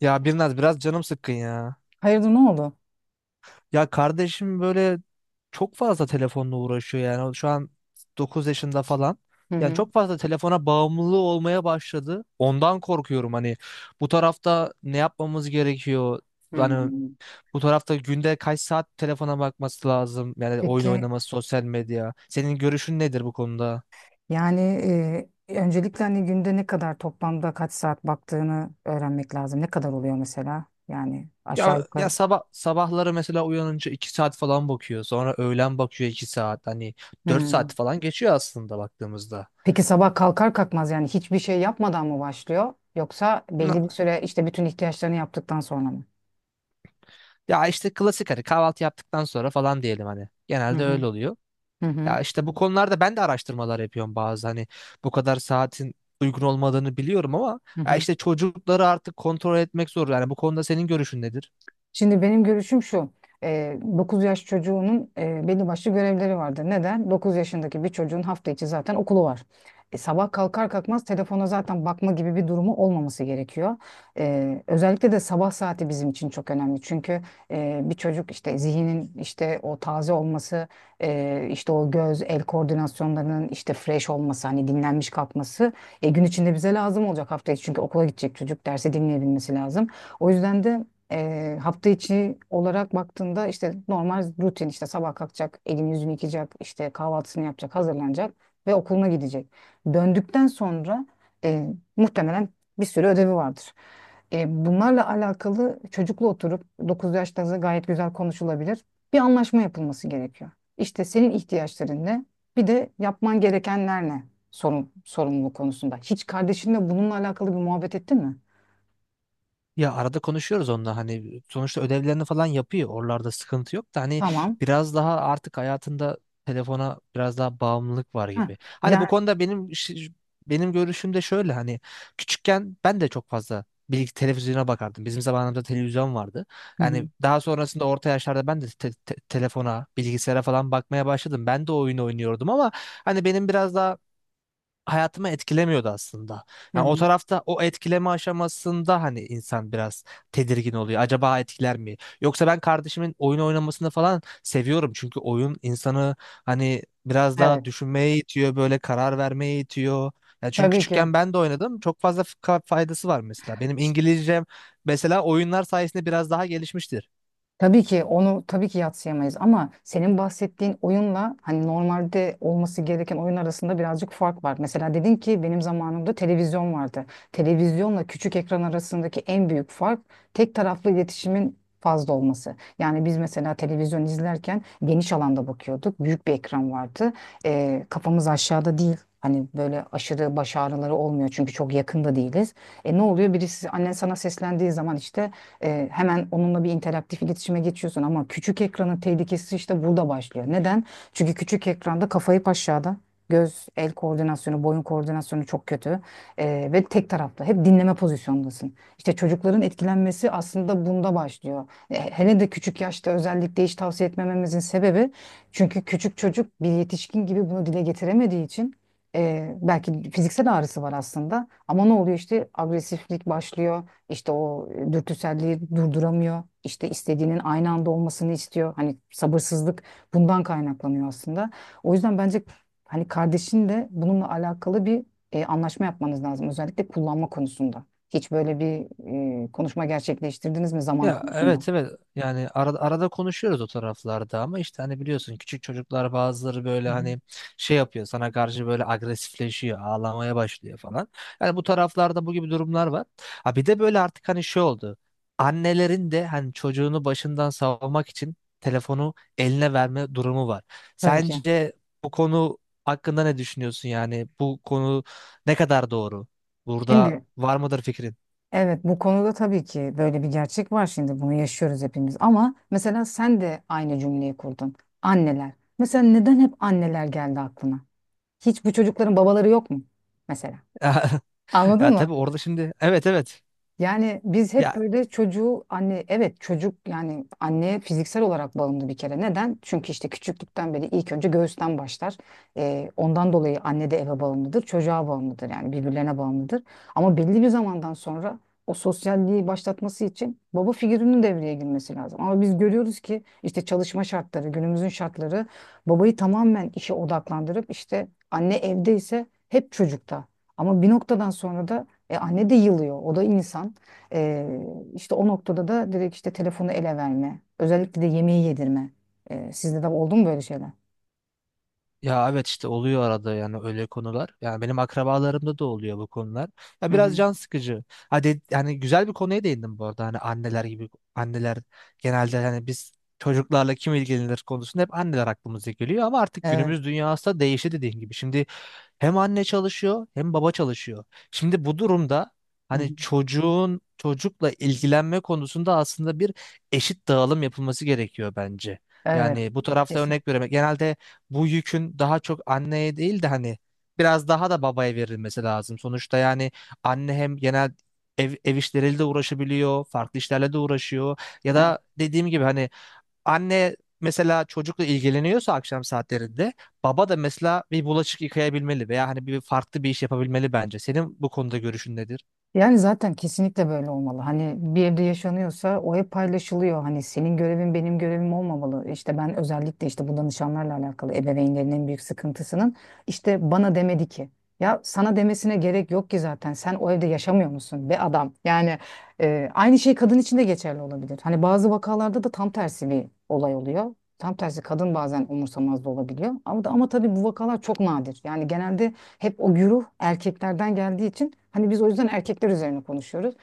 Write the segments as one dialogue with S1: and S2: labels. S1: Ya Birnaz biraz canım sıkkın ya.
S2: Hayırdır ne oldu?
S1: Ya kardeşim böyle çok fazla telefonla uğraşıyor yani. Şu an 9 yaşında falan.
S2: Hı
S1: Yani
S2: hı.
S1: çok fazla telefona bağımlılığı olmaya başladı. Ondan korkuyorum, hani bu tarafta ne yapmamız gerekiyor? Hani
S2: Hmm.
S1: bu tarafta günde kaç saat telefona bakması lazım? Yani oyun
S2: Peki
S1: oynaması, sosyal medya. Senin görüşün nedir bu konuda?
S2: yani öncelikle hani günde ne kadar toplamda kaç saat baktığını öğrenmek lazım. Ne kadar oluyor mesela? Yani aşağı
S1: Ya
S2: yukarı.
S1: sabah sabahları mesela uyanınca 2 saat falan bakıyor. Sonra öğlen bakıyor 2 saat. Hani 4
S2: Hmm.
S1: saat falan geçiyor aslında baktığımızda.
S2: Peki sabah kalkar kalkmaz yani hiçbir şey yapmadan mı başlıyor? Yoksa
S1: Na-
S2: belli bir süre işte bütün ihtiyaçlarını yaptıktan sonra mı?
S1: Ya işte klasik hani kahvaltı yaptıktan sonra falan diyelim hani.
S2: Hı
S1: Genelde
S2: hı.
S1: öyle oluyor.
S2: Hı hı.
S1: Ya işte bu konularda ben de araştırmalar yapıyorum, bazı hani bu kadar saatin uygun olmadığını biliyorum ama
S2: Hı
S1: ya
S2: hı.
S1: işte çocukları artık kontrol etmek zor. Yani bu konuda senin görüşün nedir?
S2: Şimdi benim görüşüm şu. 9 yaş çocuğunun belli başlı görevleri vardır. Neden? 9 yaşındaki bir çocuğun hafta içi zaten okulu var. Sabah kalkar kalkmaz telefona zaten bakma gibi bir durumu olmaması gerekiyor. Özellikle de sabah saati bizim için çok önemli. Çünkü bir çocuk işte zihnin işte o taze olması, işte o göz el koordinasyonlarının işte fresh olması, hani dinlenmiş kalkması gün içinde bize lazım olacak hafta içi. Çünkü okula gidecek çocuk derse dinleyebilmesi lazım. O yüzden de hafta içi olarak baktığında işte normal rutin işte sabah kalkacak, elini yüzünü yıkayacak, işte kahvaltısını yapacak, hazırlanacak ve okuluna gidecek. Döndükten sonra muhtemelen bir sürü ödevi vardır. Bunlarla alakalı çocukla oturup 9 yaşlarında gayet güzel konuşulabilir. Bir anlaşma yapılması gerekiyor. İşte senin ihtiyaçların ne? Bir de yapman gerekenler ne? Sorun, sorumluluk konusunda. Hiç kardeşinle bununla alakalı bir muhabbet ettin mi?
S1: Ya arada konuşuyoruz onunla, hani sonuçta ödevlerini falan yapıyor. Oralarda sıkıntı yok da hani
S2: Tamam.
S1: biraz daha artık hayatında telefona biraz daha bağımlılık var
S2: Ha,
S1: gibi. Hani bu
S2: yani...
S1: konuda benim görüşüm de şöyle, hani küçükken ben de çok fazla bilgi televizyona bakardım. Bizim zamanımızda televizyon vardı.
S2: Hı hı.
S1: Yani daha sonrasında orta yaşlarda ben de telefona, bilgisayara falan bakmaya başladım. Ben de oyun oynuyordum ama hani benim biraz daha hayatıma etkilemiyordu aslında.
S2: Hı
S1: Yani o
S2: hı.
S1: tarafta o etkileme aşamasında hani insan biraz tedirgin oluyor. Acaba etkiler mi? Yoksa ben kardeşimin oyun oynamasını falan seviyorum. Çünkü oyun insanı hani biraz daha
S2: Evet,
S1: düşünmeye itiyor, böyle karar vermeye itiyor. Ya çünkü
S2: tabii ki.
S1: küçükken ben de oynadım. Çok fazla faydası var mesela. Benim İngilizcem mesela oyunlar sayesinde biraz daha gelişmiştir.
S2: Tabii ki onu tabii ki yadsıyamayız ama senin bahsettiğin oyunla hani normalde olması gereken oyun arasında birazcık fark var. Mesela dedin ki benim zamanımda televizyon vardı. Televizyonla küçük ekran arasındaki en büyük fark tek taraflı iletişimin fazla olması. Yani biz mesela televizyon izlerken geniş alanda bakıyorduk. Büyük bir ekran vardı. Kafamız aşağıda değil. Hani böyle aşırı baş ağrıları olmuyor çünkü çok yakında değiliz. Ne oluyor? Birisi annen sana seslendiği zaman işte hemen onunla bir interaktif iletişime geçiyorsun ama küçük ekranın tehlikesi işte burada başlıyor. Neden? Çünkü küçük ekranda kafayı aşağıda. Göz, el koordinasyonu, boyun koordinasyonu çok kötü ve tek taraflı. Hep dinleme pozisyondasın. İşte çocukların etkilenmesi aslında bunda başlıyor. Hele de küçük yaşta özellikle hiç tavsiye etmememizin sebebi çünkü küçük çocuk bir yetişkin gibi bunu dile getiremediği için belki fiziksel ağrısı var aslında ama ne oluyor işte agresiflik başlıyor işte o dürtüselliği durduramıyor. İşte istediğinin aynı anda olmasını istiyor. Hani sabırsızlık bundan kaynaklanıyor aslında. O yüzden bence hani kardeşin de bununla alakalı bir anlaşma yapmanız lazım. Özellikle kullanma konusunda. Hiç böyle bir konuşma gerçekleştirdiniz mi zaman
S1: Ya
S2: konusunda?
S1: evet, evet, yani arada konuşuyoruz o taraflarda ama işte hani biliyorsun küçük çocuklar bazıları böyle
S2: Hı hı.
S1: hani şey yapıyor sana karşı, böyle agresifleşiyor, ağlamaya başlıyor falan. Yani bu taraflarda bu gibi durumlar var. Ha bir de böyle artık hani şey oldu, annelerin de hani çocuğunu başından savmak için telefonu eline verme durumu var.
S2: Tabii ki.
S1: Sence bu konu hakkında ne düşünüyorsun, yani bu konu ne kadar doğru? Burada
S2: Şimdi
S1: var mıdır fikrin?
S2: evet bu konuda tabii ki böyle bir gerçek var, şimdi bunu yaşıyoruz hepimiz ama mesela sen de aynı cümleyi kurdun. Anneler. Mesela neden hep anneler geldi aklına? Hiç bu çocukların babaları yok mu? Mesela. Anladın
S1: Ya
S2: mı?
S1: tabii orada şimdi, evet evet.
S2: Yani biz hep
S1: Ya
S2: böyle çocuğu anne evet çocuk yani anneye fiziksel olarak bağımlı bir kere. Neden? Çünkü işte küçüklükten beri ilk önce göğüsten başlar. Ondan dolayı anne de eve bağımlıdır, çocuğa bağımlıdır yani birbirlerine bağımlıdır. Ama belli bir zamandan sonra o sosyalliği başlatması için baba figürünün devreye girmesi lazım. Ama biz görüyoruz ki işte çalışma şartları, günümüzün şartları babayı tamamen işe odaklandırıp işte anne evde ise hep çocukta. Ama bir noktadan sonra da anne de yılıyor. O da insan. E, işte o noktada da direkt işte telefonu ele verme. Özellikle de yemeği yedirme. Sizde de oldu mu böyle şeyler?
S1: ya evet, işte oluyor arada yani öyle konular. Yani benim akrabalarımda da oluyor bu konular. Ya
S2: Hı hı.
S1: biraz can sıkıcı. Hadi yani güzel bir konuya değindim bu arada. Hani anneler gibi, anneler genelde hani biz çocuklarla kim ilgilenir konusunda hep anneler aklımıza geliyor ama artık
S2: Evet.
S1: günümüz dünyası da değişti, dediğin gibi. Şimdi hem anne çalışıyor hem baba çalışıyor. Şimdi bu durumda
S2: Hı
S1: hani
S2: hı.
S1: çocuğun çocukla ilgilenme konusunda aslında bir eşit dağılım yapılması gerekiyor bence.
S2: Evet.
S1: Yani bu tarafta
S2: Kesin.
S1: örnek vermek. Genelde bu yükün daha çok anneye değil de hani biraz daha da babaya verilmesi lazım. Sonuçta yani anne hem genel ev işleriyle de uğraşabiliyor, farklı işlerle de uğraşıyor. Ya da dediğim gibi hani anne mesela çocukla ilgileniyorsa akşam saatlerinde, baba da mesela bir bulaşık yıkayabilmeli veya hani bir farklı bir iş yapabilmeli bence. Senin bu konuda görüşün nedir?
S2: Yani zaten kesinlikle böyle olmalı. Hani bir evde yaşanıyorsa o ev paylaşılıyor. Hani senin görevin benim görevim olmamalı. İşte ben özellikle işte bu danışanlarla alakalı ebeveynlerin en büyük sıkıntısının işte bana demedi ki. Ya sana demesine gerek yok ki zaten. Sen o evde yaşamıyor musun be adam? Yani aynı şey kadın için de geçerli olabilir. Hani bazı vakalarda da tam tersi bir olay oluyor. Tam tersi kadın bazen umursamaz da olabiliyor. Ama tabii bu vakalar çok nadir. Yani genelde hep o güruh erkeklerden geldiği için hani biz o yüzden erkekler üzerine konuşuyoruz.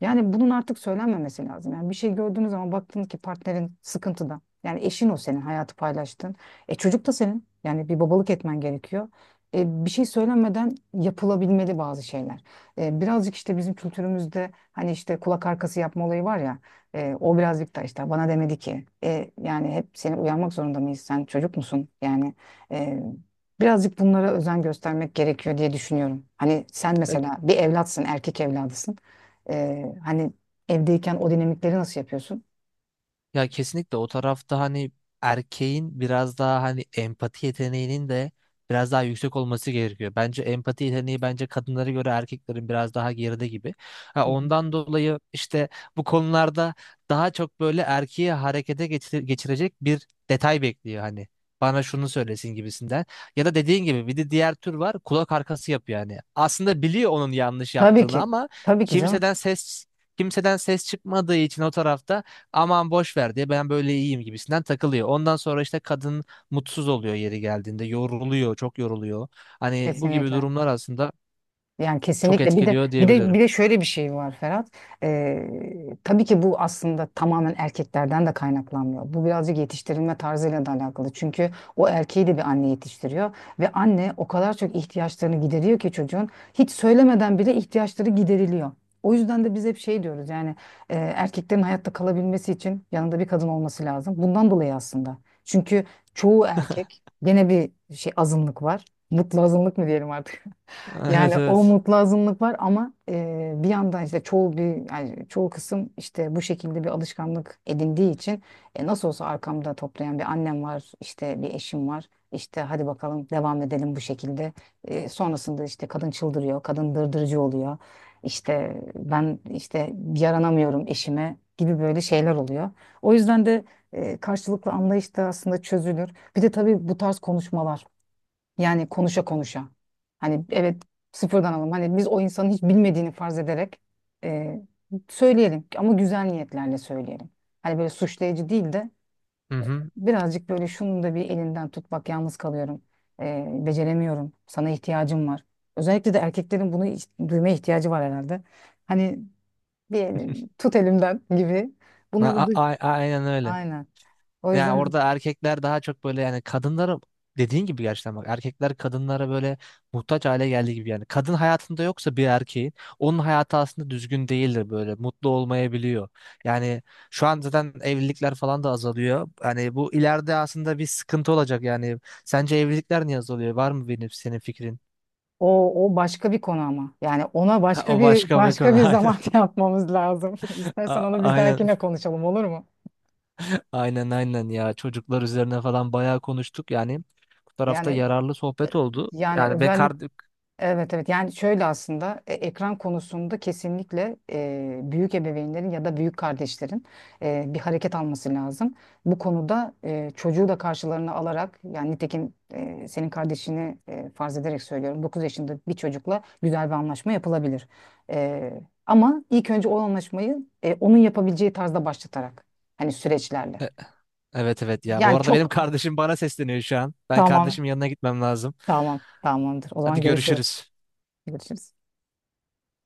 S2: Yani bunun artık söylenmemesi lazım. Yani bir şey gördüğünüz zaman baktınız ki partnerin sıkıntıda. Yani eşin o, senin hayatı paylaştın. Çocuk da senin. Yani bir babalık etmen gerekiyor. Bir şey söylenmeden yapılabilmeli bazı şeyler. Birazcık işte bizim kültürümüzde hani işte kulak arkası yapma olayı var ya. O birazcık da işte bana demedi ki. Yani hep seni uyarmak zorunda mıyız? Sen çocuk musun? Yani e, birazcık bunlara özen göstermek gerekiyor diye düşünüyorum. Hani sen mesela bir evlatsın, erkek evladısın. Hani evdeyken o dinamikleri nasıl yapıyorsun?
S1: Ya kesinlikle o tarafta hani erkeğin biraz daha hani empati yeteneğinin de biraz daha yüksek olması gerekiyor. Bence empati yeteneği bence kadınlara göre erkeklerin biraz daha geride gibi. Ha,
S2: Hı hı.
S1: ondan dolayı işte bu konularda daha çok böyle erkeği harekete geçirecek bir detay bekliyor hani. Bana şunu söylesin gibisinden. Ya da dediğin gibi bir de diğer tür var, kulak arkası yapıyor yani. Aslında biliyor onun yanlış
S2: Tabii
S1: yaptığını
S2: ki.
S1: ama
S2: Tabii ki canım.
S1: kimseden ses kimseden ses çıkmadığı için o tarafta aman boş ver diye ben böyle iyiyim gibisinden takılıyor. Ondan sonra işte kadın mutsuz oluyor, yeri geldiğinde yoruluyor, çok yoruluyor. Hani bu gibi
S2: Kesinlikle.
S1: durumlar aslında
S2: Yani
S1: çok
S2: kesinlikle bir de
S1: etkiliyor
S2: bir de
S1: diyebilirim.
S2: bir de şöyle bir şey var, Ferhat. Ee, tabii ki bu aslında tamamen erkeklerden de kaynaklanmıyor. Bu birazcık yetiştirilme tarzıyla da alakalı. Çünkü o erkeği de bir anne yetiştiriyor ve anne o kadar çok ihtiyaçlarını gideriyor ki çocuğun hiç söylemeden bile ihtiyaçları gideriliyor. O yüzden de biz hep şey diyoruz, yani erkeklerin hayatta kalabilmesi için yanında bir kadın olması lazım. Bundan dolayı aslında. Çünkü çoğu erkek gene bir şey azınlık var. Mutlu azınlık mı diyelim artık? Yani
S1: Evet,
S2: o
S1: evet.
S2: mutlu azınlık var ama bir yandan işte çoğu bir yani çoğu kısım işte bu şekilde bir alışkanlık edindiği için nasıl olsa arkamda toplayan bir annem var, işte bir eşim var. İşte hadi bakalım devam edelim bu şekilde. Sonrasında işte kadın çıldırıyor, kadın dırdırcı oluyor. İşte ben işte yaranamıyorum eşime gibi böyle şeyler oluyor. O yüzden de karşılıklı anlayış da aslında çözülür. Bir de tabii bu tarz konuşmalar. Yani konuşa konuşa. Hani evet, sıfırdan alalım. Hani biz o insanın hiç bilmediğini farz ederek e, söyleyelim ama güzel niyetlerle söyleyelim. Hani böyle suçlayıcı değil de
S1: Hı hı.
S2: birazcık böyle şunun da bir elinden tut, bak yalnız kalıyorum. Beceremiyorum. Sana ihtiyacım var. Özellikle de erkeklerin bunu duymaya ihtiyacı var herhalde. Hani bir tut elimden gibi. Bunları duy.
S1: Aynen öyle.
S2: Aynen. O
S1: Yani
S2: yüzden.
S1: orada erkekler daha çok böyle, yani kadınlara dediğin gibi gerçekten bak, erkekler kadınlara böyle muhtaç hale geldiği gibi yani kadın hayatında yoksa bir erkeğin onun hayatı aslında düzgün değildir, böyle mutlu olmayabiliyor. Yani şu an zaten evlilikler falan da azalıyor. Yani bu ileride aslında bir sıkıntı olacak yani. Sence evlilikler niye azalıyor? Var mı benim senin fikrin?
S2: O başka bir konu ama. Yani ona
S1: Ha,
S2: başka
S1: o
S2: bir
S1: başka bir konu. Aynen.
S2: zaman yapmamız lazım. İstersen onu bir
S1: Aynen.
S2: dahakine konuşalım, olur mu?
S1: Aynen ya, çocuklar üzerine falan bayağı konuştuk yani bu tarafta
S2: Yani
S1: yararlı sohbet oldu.
S2: yani
S1: Yani ben
S2: özellik
S1: kard.
S2: Evet evet, yani şöyle aslında ekran konusunda kesinlikle büyük ebeveynlerin ya da büyük kardeşlerin bir hareket alması lazım. Bu konuda çocuğu da karşılarına alarak yani nitekim senin kardeşini farz ederek söylüyorum, 9 yaşında bir çocukla güzel bir anlaşma yapılabilir. E, ama ilk önce o anlaşmayı onun yapabileceği tarzda başlatarak, hani süreçlerle.
S1: E- evet, evet, ya bu
S2: Yani
S1: arada benim
S2: çok
S1: kardeşim bana sesleniyor şu an. Ben
S2: tamam,
S1: kardeşimin yanına gitmem lazım.
S2: tamam, tamamdır, o
S1: Hadi
S2: zaman görüşürüz.
S1: görüşürüz.
S2: Görüşürüz.